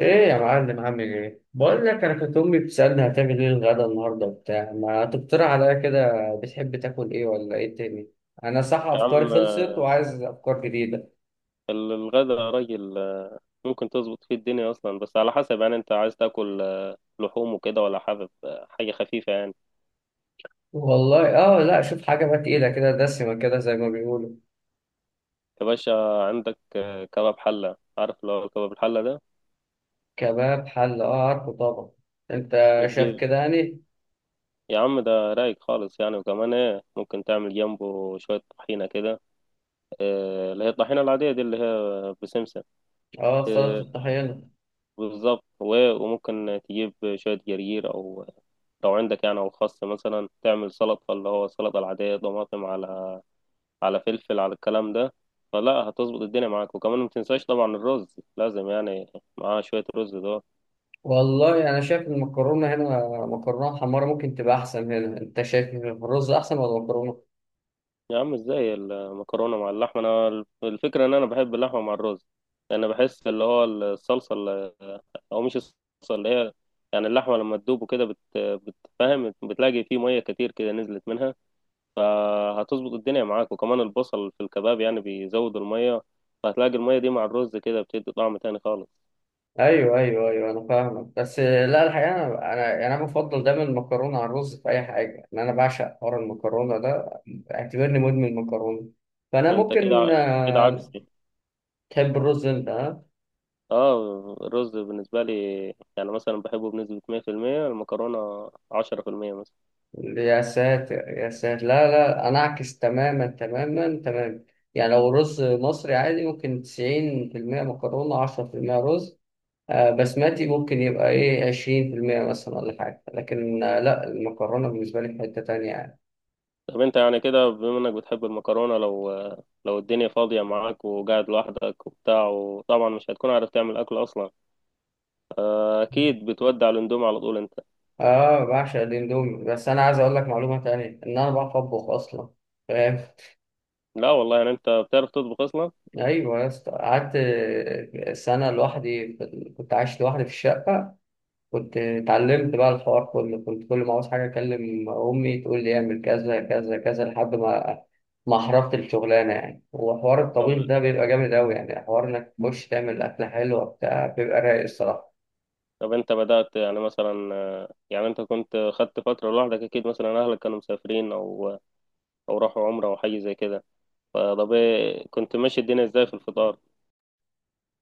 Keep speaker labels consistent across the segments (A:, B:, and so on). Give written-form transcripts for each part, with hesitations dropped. A: ايه يا معلم، عامل ايه؟ بقول لك، انا كانت امي بتسالني هتعمل ايه الغدا النهارده وبتاع، ما تقترح عليا كده؟ بتحب تاكل ايه ولا ايه تاني؟ انا صح
B: يا
A: افكاري
B: عم
A: خلصت
B: آه،
A: وعايز افكار جديده.
B: الغدا يا راجل، ممكن تظبط فيه الدنيا اصلا، بس على حسب يعني انت عايز تاكل لحوم وكده، ولا حابب حاجه خفيفه يعني.
A: والله اه، لا شوف حاجه بقى تقيله كده، دسمه كده، زي ما بيقولوا.
B: يا باشا، عندك كباب حله، عارف لو كباب الحله ده
A: كباب حله، اه عارفه طبعا. انت شايف
B: بتجيب.
A: كده يعني؟
B: يا عم ده رايق خالص يعني، وكمان ايه ممكن تعمل جنبه شويه طحينه كده، اللي هي الطحينه العاديه دي اللي هي بسمسم.
A: اه، سلطه
B: آه،
A: الطحينه.
B: بالظبط، وممكن تجيب شويه جرجير او لو عندك يعني، او خس مثلا تعمل سلطه، اللي هو السلطه العاديه طماطم على فلفل على الكلام ده. فلا هتظبط الدنيا معاك، وكمان ما تنساش طبعا الرز لازم يعني معاه شوية رز ده.
A: والله انا شايف المكرونه هنا، مكرونه حمارة ممكن تبقى احسن هنا. انت شايف الرز احسن ولا المكرونه؟
B: يا عم ازاي المكرونة مع اللحمة؟ انا الفكرة ان انا بحب اللحمة مع الرز، لان بحس اللي هو الصلصة اللي، او مش الصلصة اللي هي، يعني اللحمة لما تدوب وكده بتفهم، بتلاقي فيه مية كتير كده نزلت منها، فهتظبط الدنيا معاك، وكمان البصل في الكباب يعني بيزود المية، فهتلاقي المية دي مع الرز كده بتدي طعم تاني خالص.
A: ايوه، ايوه، ايوه، انا فاهمك. بس لا الحقيقه، انا يعني انا بفضل دايما المكرونه على الرز في اي حاجه، ان انا بعشق حوار المكرونه ده. اعتبرني مدمن مكرونه. فانا
B: انت
A: ممكن
B: كده كده عكسي.
A: تحب الرز انت؟ ها؟
B: اه، الرز بالنسبة لي يعني مثلا بحبه بنسبة 100%، المكرونة 10% مثلا.
A: يا ساتر، يا ساتر! لا لا، انا اعكس تماما تماما تماما. يعني لو رز مصري عادي ممكن 90%، مكرونه 10%. رز بسمتي ممكن يبقى ايه 20% مثلا ولا حاجه. لكن لا المكرونه بالنسبه لي في حته تانيه يعني.
B: طب انت يعني كده، بما انك بتحب المكرونة، لو الدنيا فاضية معاك وقاعد لوحدك وبتاع، وطبعا مش هتكون عارف تعمل أكل أصلا، أكيد بتودع الأندومي على طول انت.
A: اه بعشق الاندومي. بس انا عايز اقول لك معلومه تانية، ان انا بعرف اطبخ اصلا، فاهم؟
B: لا والله، يعني انت بتعرف تطبخ أصلا؟
A: ايوه يا اسطى، قعدت سنه لوحدي كنت عايش لوحدي في الشقه. كنت اتعلمت بقى الحوار كله، كنت كل ما عاوز حاجه اكلم امي تقول لي اعمل كذا كذا كذا، لحد ما حرفت الشغلانه يعني. وحوار
B: طب,
A: الطبيخ ده بيبقى جامد قوي يعني، حوار انك تخش تعمل اكله حلوه بتاع بيبقى رايق الصراحه.
B: طب انت بدأت يعني مثلا، يعني انت كنت خدت فترة لوحدك أكيد، مثلا أهلك كانوا مسافرين أو راحوا عمرة أو حاجة زي كده، فطب ايه كنت ماشي الدنيا ازاي في الفطار؟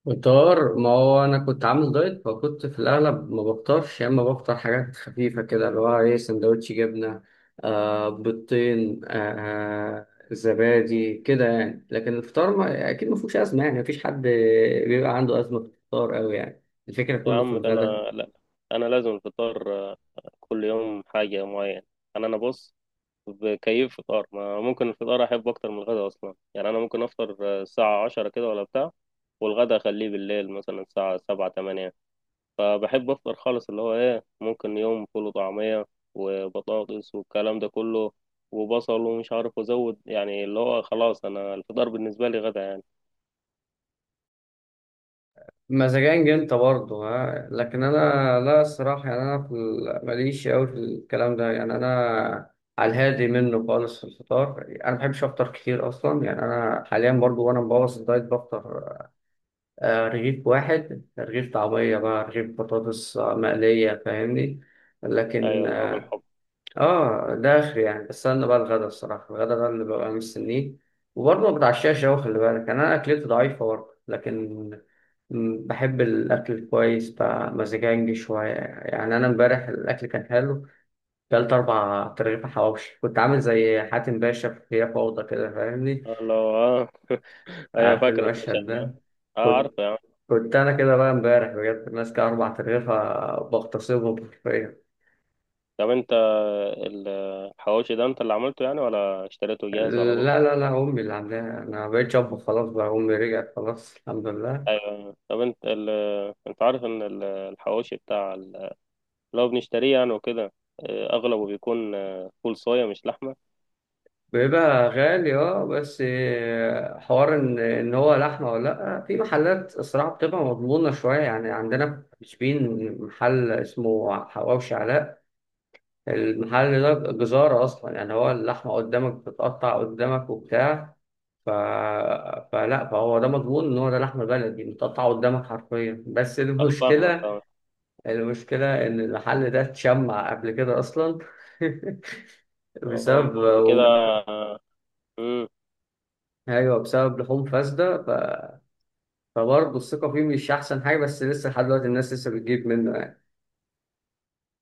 A: فطار؟ ما هو انا كنت عامل دايت، فكنت في الاغلب ما بفطرش، يا اما بفطر حاجات خفيفه كده، اللي هو ايه، سندوتش جبنه، بيضتين، زبادي كده يعني. لكن الفطار ما اكيد ما فيهوش ازمه يعني، مفيش حد بيبقى عنده ازمه في الفطار قوي يعني. الفكره
B: يا
A: كله في
B: عم ده انا.
A: الغدا.
B: لا، انا لازم الفطار كل يوم حاجه معينه. انا بص، بكيف فطار، ما ممكن الفطار احب اكتر من الغدا اصلا، يعني انا ممكن افطر الساعه 10 كده ولا بتاع، والغدا اخليه بالليل مثلا الساعه 7-8. فبحب افطر خالص، اللي هو ايه ممكن يوم فول وطعميه وبطاطس والكلام ده كله، وبصل، ومش عارف ازود، يعني اللي هو خلاص انا الفطار بالنسبه لي غدا يعني.
A: مزاجنج انت برضه؟ ها؟ لكن انا لا الصراحه يعني، انا ماليش قوي في الكلام ده يعني. انا على الهادي منه خالص في الفطار، انا ما بحبش افطر كتير اصلا يعني. انا حاليا برضه وانا مبوظ الدايت بفطر رغيف واحد، رغيف طعميه بقى، رغيف بطاطس مقليه، فاهمني؟
B: ايوه،
A: لكن
B: اللي هو بالحب.
A: اه ده اخر يعني. بستنى بقى الغدا الصراحه، الغدا ده اللي ببقى مستنيه. وبرضه ما بتعشاش قوي خلي بالك يعني، انا اكلتي ضعيفه برضه. لكن بحب الاكل الكويس بقى، مزاجنجي شويه يعني. انا امبارح الاكل كان حلو، كلت 4 ترغيفه حواوشي، كنت عامل زي حاتم باشا في هي فوضى كده، فاهمني؟
B: اللي هو ايوه،
A: عارف
B: فاكرك مش
A: المشهد
B: عارف.
A: ده؟
B: اه،
A: كنت
B: عارفه.
A: كنت انا كده بقى امبارح بجد ماسك 4 ترغيفه بغتصبهم حرفيا.
B: طب انت الحواوشي ده انت اللي عملته يعني، ولا اشتريته جاهز على
A: لا،
B: طول؟
A: لا، لا، أمي اللي عاملاها. أنا مبقتش أطبخ خلاص بقى، أمي رجعت خلاص الحمد لله.
B: ايوه. طب انت انت عارف ان الحواوشي بتاع اللي هو بنشتريه يعني وكده، اه، اغلبه بيكون فول صويا مش لحمه.
A: بيبقى غالي أه. بس حوار إن هو لحمة ولا لأ، في محلات الصراحة بتبقى مضمونة شوية يعني. عندنا في شبين محل اسمه حواوشي علاء. المحل ده جزارة أصلا يعني، هو اللحمة قدامك بتتقطع قدامك وبتاع. ف... فلا فهو ده مضمون ان هو ده لحم بلدي متقطع قدامك حرفيا. بس
B: انا فاهمك
A: المشكله
B: طبعا.
A: المشكلة إن المحل ده اتشمع قبل كده أصلا، بسبب...
B: اه، ده كده. مم.
A: أيوه بسبب لحوم فاسدة. ف... فبرضه الثقة فيه مش أحسن حاجة، بس لسه لحد دلوقتي الناس لسه بتجيب منه يعني.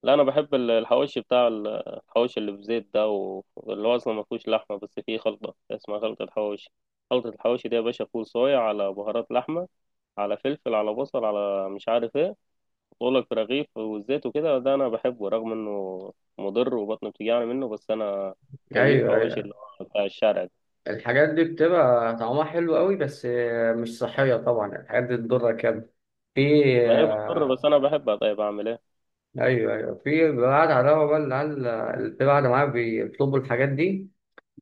B: لا، انا بحب الحواوشي بتاع الحواوشي اللي بزيت ده، واللي هو اصلا ما فيهوش لحمه، بس فيه خلطه اسمها خلطه حواوشي. خلطه الحواوشي دي يا باشا فول صويا على بهارات لحمه، على فلفل، على بصل، على مش عارف ايه. بقول لك رغيف والزيت وكده، ده انا بحبه رغم انه مضر وبطني بتوجعني منه، بس انا كيف
A: أيوه،
B: حواوشي اللي
A: أيوه،
B: هو بتاع الشارع ده.
A: الحاجات دي بتبقى طعمها حلو قوي، بس مش صحية طبعا، الحاجات دي تضرك يعني. في...
B: ما هي بتضر بس انا بحبها، طيب اعمل ايه؟
A: أيوه، أيوه، في بعد على بقى العيال اللي قاعدة معايا بيطلبوا الحاجات دي،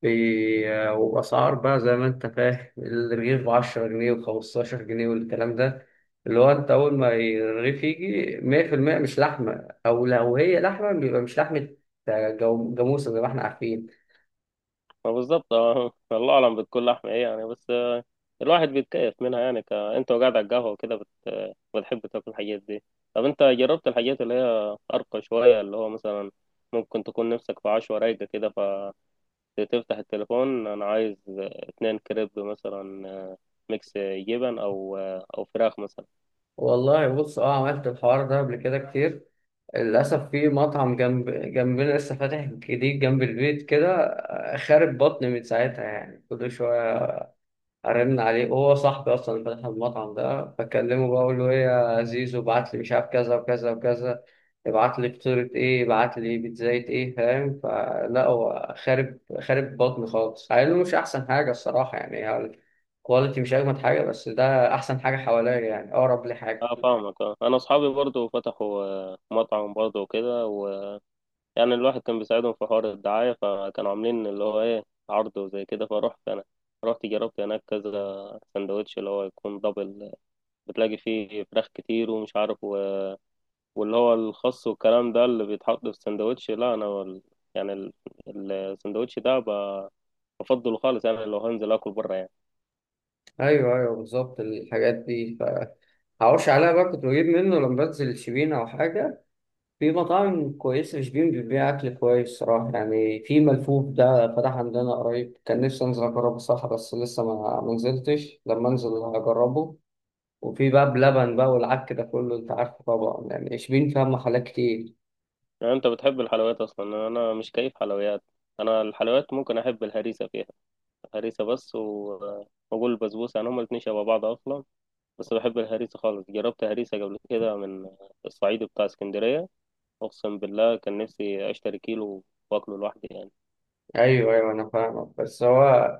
A: وبأسعار بقى زي ما أنت فاهم، الرغيف بـ10 جنيه وخمستاشر جنيه والكلام ده. اللي هو أنت أول ما الرغيف يجي 100% مش لحمة، أو لو هي لحمة بيبقى مش لحمة، جاموسة زي ما إحنا عارفين.
B: ما بالظبط الله اعلم بتكون لحمه ايه يعني، بس الواحد بيتكيف منها يعني، انت وقاعد على القهوه وكده بتحب تاكل الحاجات دي. طب انت جربت الحاجات اللي هي ارقى شويه، اللي هو مثلا ممكن تكون نفسك في عشوة رايقه كده، تفتح التليفون أنا عايز 2 كريب مثلا، ميكس جبن، أو فراخ مثلا.
A: والله بص أه، عملت الحوار ده قبل كده كتير. للأسف في مطعم جنبنا لسه فاتح جديد جنب البيت كده، خارب بطني من ساعتها يعني، كل شوية ارن عليه، وهو صاحبي اصلا اللي فتح المطعم ده، بكلمه بقى اقول له ايه يا زيزو، ابعت لي مش عارف كذا وكذا وكذا، ابعت لي فطيرة ايه، ابعت لي بيتزاية ايه، فاهم؟ فلا هو خارب بطني خالص، قال له مش احسن حاجة الصراحة يعني، هو الكواليتي مش اجمد حاجة، بس ده احسن حاجة حواليا يعني، اقرب لي حاجة.
B: اه فاهمك، انا اصحابي برضو فتحوا مطعم برضو وكده، ويعني الواحد كان بيساعدهم في حوار الدعاية، فكانوا عاملين اللي هو ايه عرض وزي كده، فروحت انا، رحت جربت هناك كذا سندوتش اللي هو يكون دبل، بتلاقي فيه فراخ كتير ومش عارف، واللي هو الخس والكلام ده اللي بيتحط في السندوتش، لا انا يعني السندوتش ده بفضله خالص يعني، لو هنزل اكل بره يعني.
A: ايوه، ايوه، بالظبط الحاجات دي فهقولش عليها بقى. كنت بجيب منه لما بنزل الشبين او حاجة. في مطاعم كويسة في شبين بتبيع أكل كويس صراحة يعني. في ملفوف ده فتح عندنا قريب، كان نفسي أنزل أجربه صح، بس لسه ما نزلتش، لما أنزل هجربه. وفي بقى بلبن بقى والعك ده كله، أنت عارفه طبعا يعني، شبين فيها محلات كتير.
B: يعني انت بتحب الحلويات اصلا؟ انا مش كيف حلويات، انا الحلويات ممكن احب الهريسه فيها، هريسه بس. واقول البسبوسه يعني هما الاتنين شبه بعض اصلا، بس بحب الهريسه خالص. جربت هريسه قبل كده من الصعيد بتاع اسكندريه، اقسم بالله كان نفسي اشتري كيلو واكله لوحدي يعني.
A: ايوه، ايوه، انا فاهمك. بس هو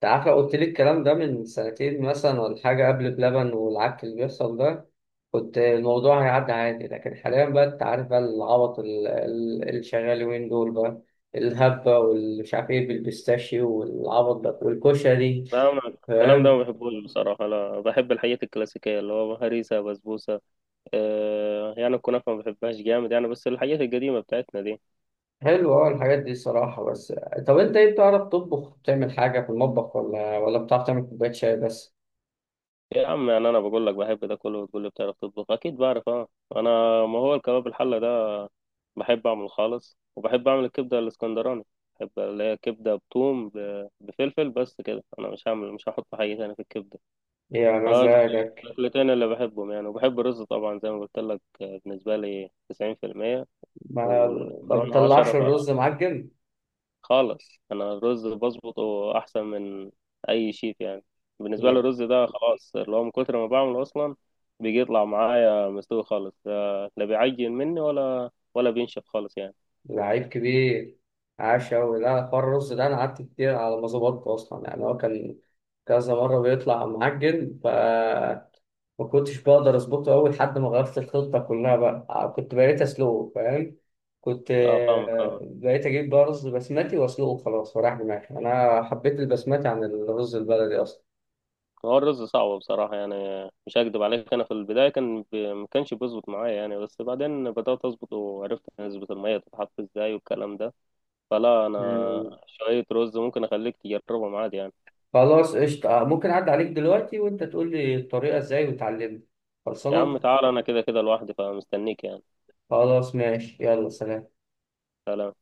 A: تعالى قلت لي الكلام ده من سنتين مثلا ولا حاجه، قبل بلبن والعك اللي بيحصل ده، كنت الموضوع هيعدي عادي. لكن حاليا بقى انت عارف بقى، العبط اللي شغال وين دول بقى، الهبه والمش عارف ايه بالبيستاشيو والعبط ده والكشري،
B: لا، أنا الكلام ده ما
A: فاهم؟
B: بحبوش بصراحة، أنا بحب الحاجات الكلاسيكية اللي هو هريسة بسبوسة. يعني الكنافة ما بحبهاش جامد يعني، بس الحاجات القديمة بتاعتنا دي.
A: حلو اه، الحاجات دي صراحه. بس طب انت ايه، بتعرف تطبخ، بتعمل حاجه في المطبخ، ولا بتعرف تعمل كوبايه شاي بس؟
B: يا عم، يعني انا بقول لك بحب ده كله وتقول لي بتعرف تطبخ؟ اكيد بعرف، اه انا، ما هو الكباب الحله ده بحب اعمله خالص، وبحب اعمل الكبده الاسكندراني. بحب اللي هي كبده بثوم، بفلفل بس كده، انا مش هعمل، مش هحط حاجه تاني في الكبده.
A: يا
B: فدول
A: مزاجك!
B: الاكلتين اللي بحبهم يعني، وبحب الرز طبعا زي ما قلت لك، بالنسبه لي 90%
A: ما ما
B: والمكرونه 10
A: بتطلعش الرز معجن،
B: خالص. انا الرز بظبطه احسن من اي شيف يعني، بالنسبه لي الرز ده خلاص، اللي هو من كتر ما بعمله اصلا بيجي يطلع معايا مستوي خالص، لا لا بيعجن مني ولا بينشف خالص يعني.
A: لعيب كبير، عاش أوي. لا حوار الرز ده أنا قعدت كتير على ما ظبطته أصلا يعني، هو كان كذا مرة بيطلع معجن، ف ما كنتش بقدر أظبطه أوي لحد ما غيرت الخطة كلها بقى، كنت بقيت أسلقه فاهم؟ كنت
B: اه فاهمك،
A: بقيت أجيب بقى رز بسمتي وأسلقه خلاص، وراح دماغي أنا حبيت البسمتي عن الرز البلدي أصلا.
B: هو الرز صعب بصراحه يعني، مش هكدب عليك، انا في البدايه كان ما كانش بيظبط معايا يعني، بس بعدين بدات اظبط وعرفت نسبه الميه تتحط ازاي والكلام ده، فلا انا.
A: مم.
B: شويه رز ممكن اخليك تجربهم عادي يعني.
A: خلاص قشطة، ممكن أعدي عليك دلوقتي وأنت تقول لي الطريقة إزاي وتعلمني.
B: يا عم
A: خلصانة.
B: تعال، انا كده كده لوحدي فمستنيك يعني.
A: خلاص ماشي، يلا سلام.
B: سلام.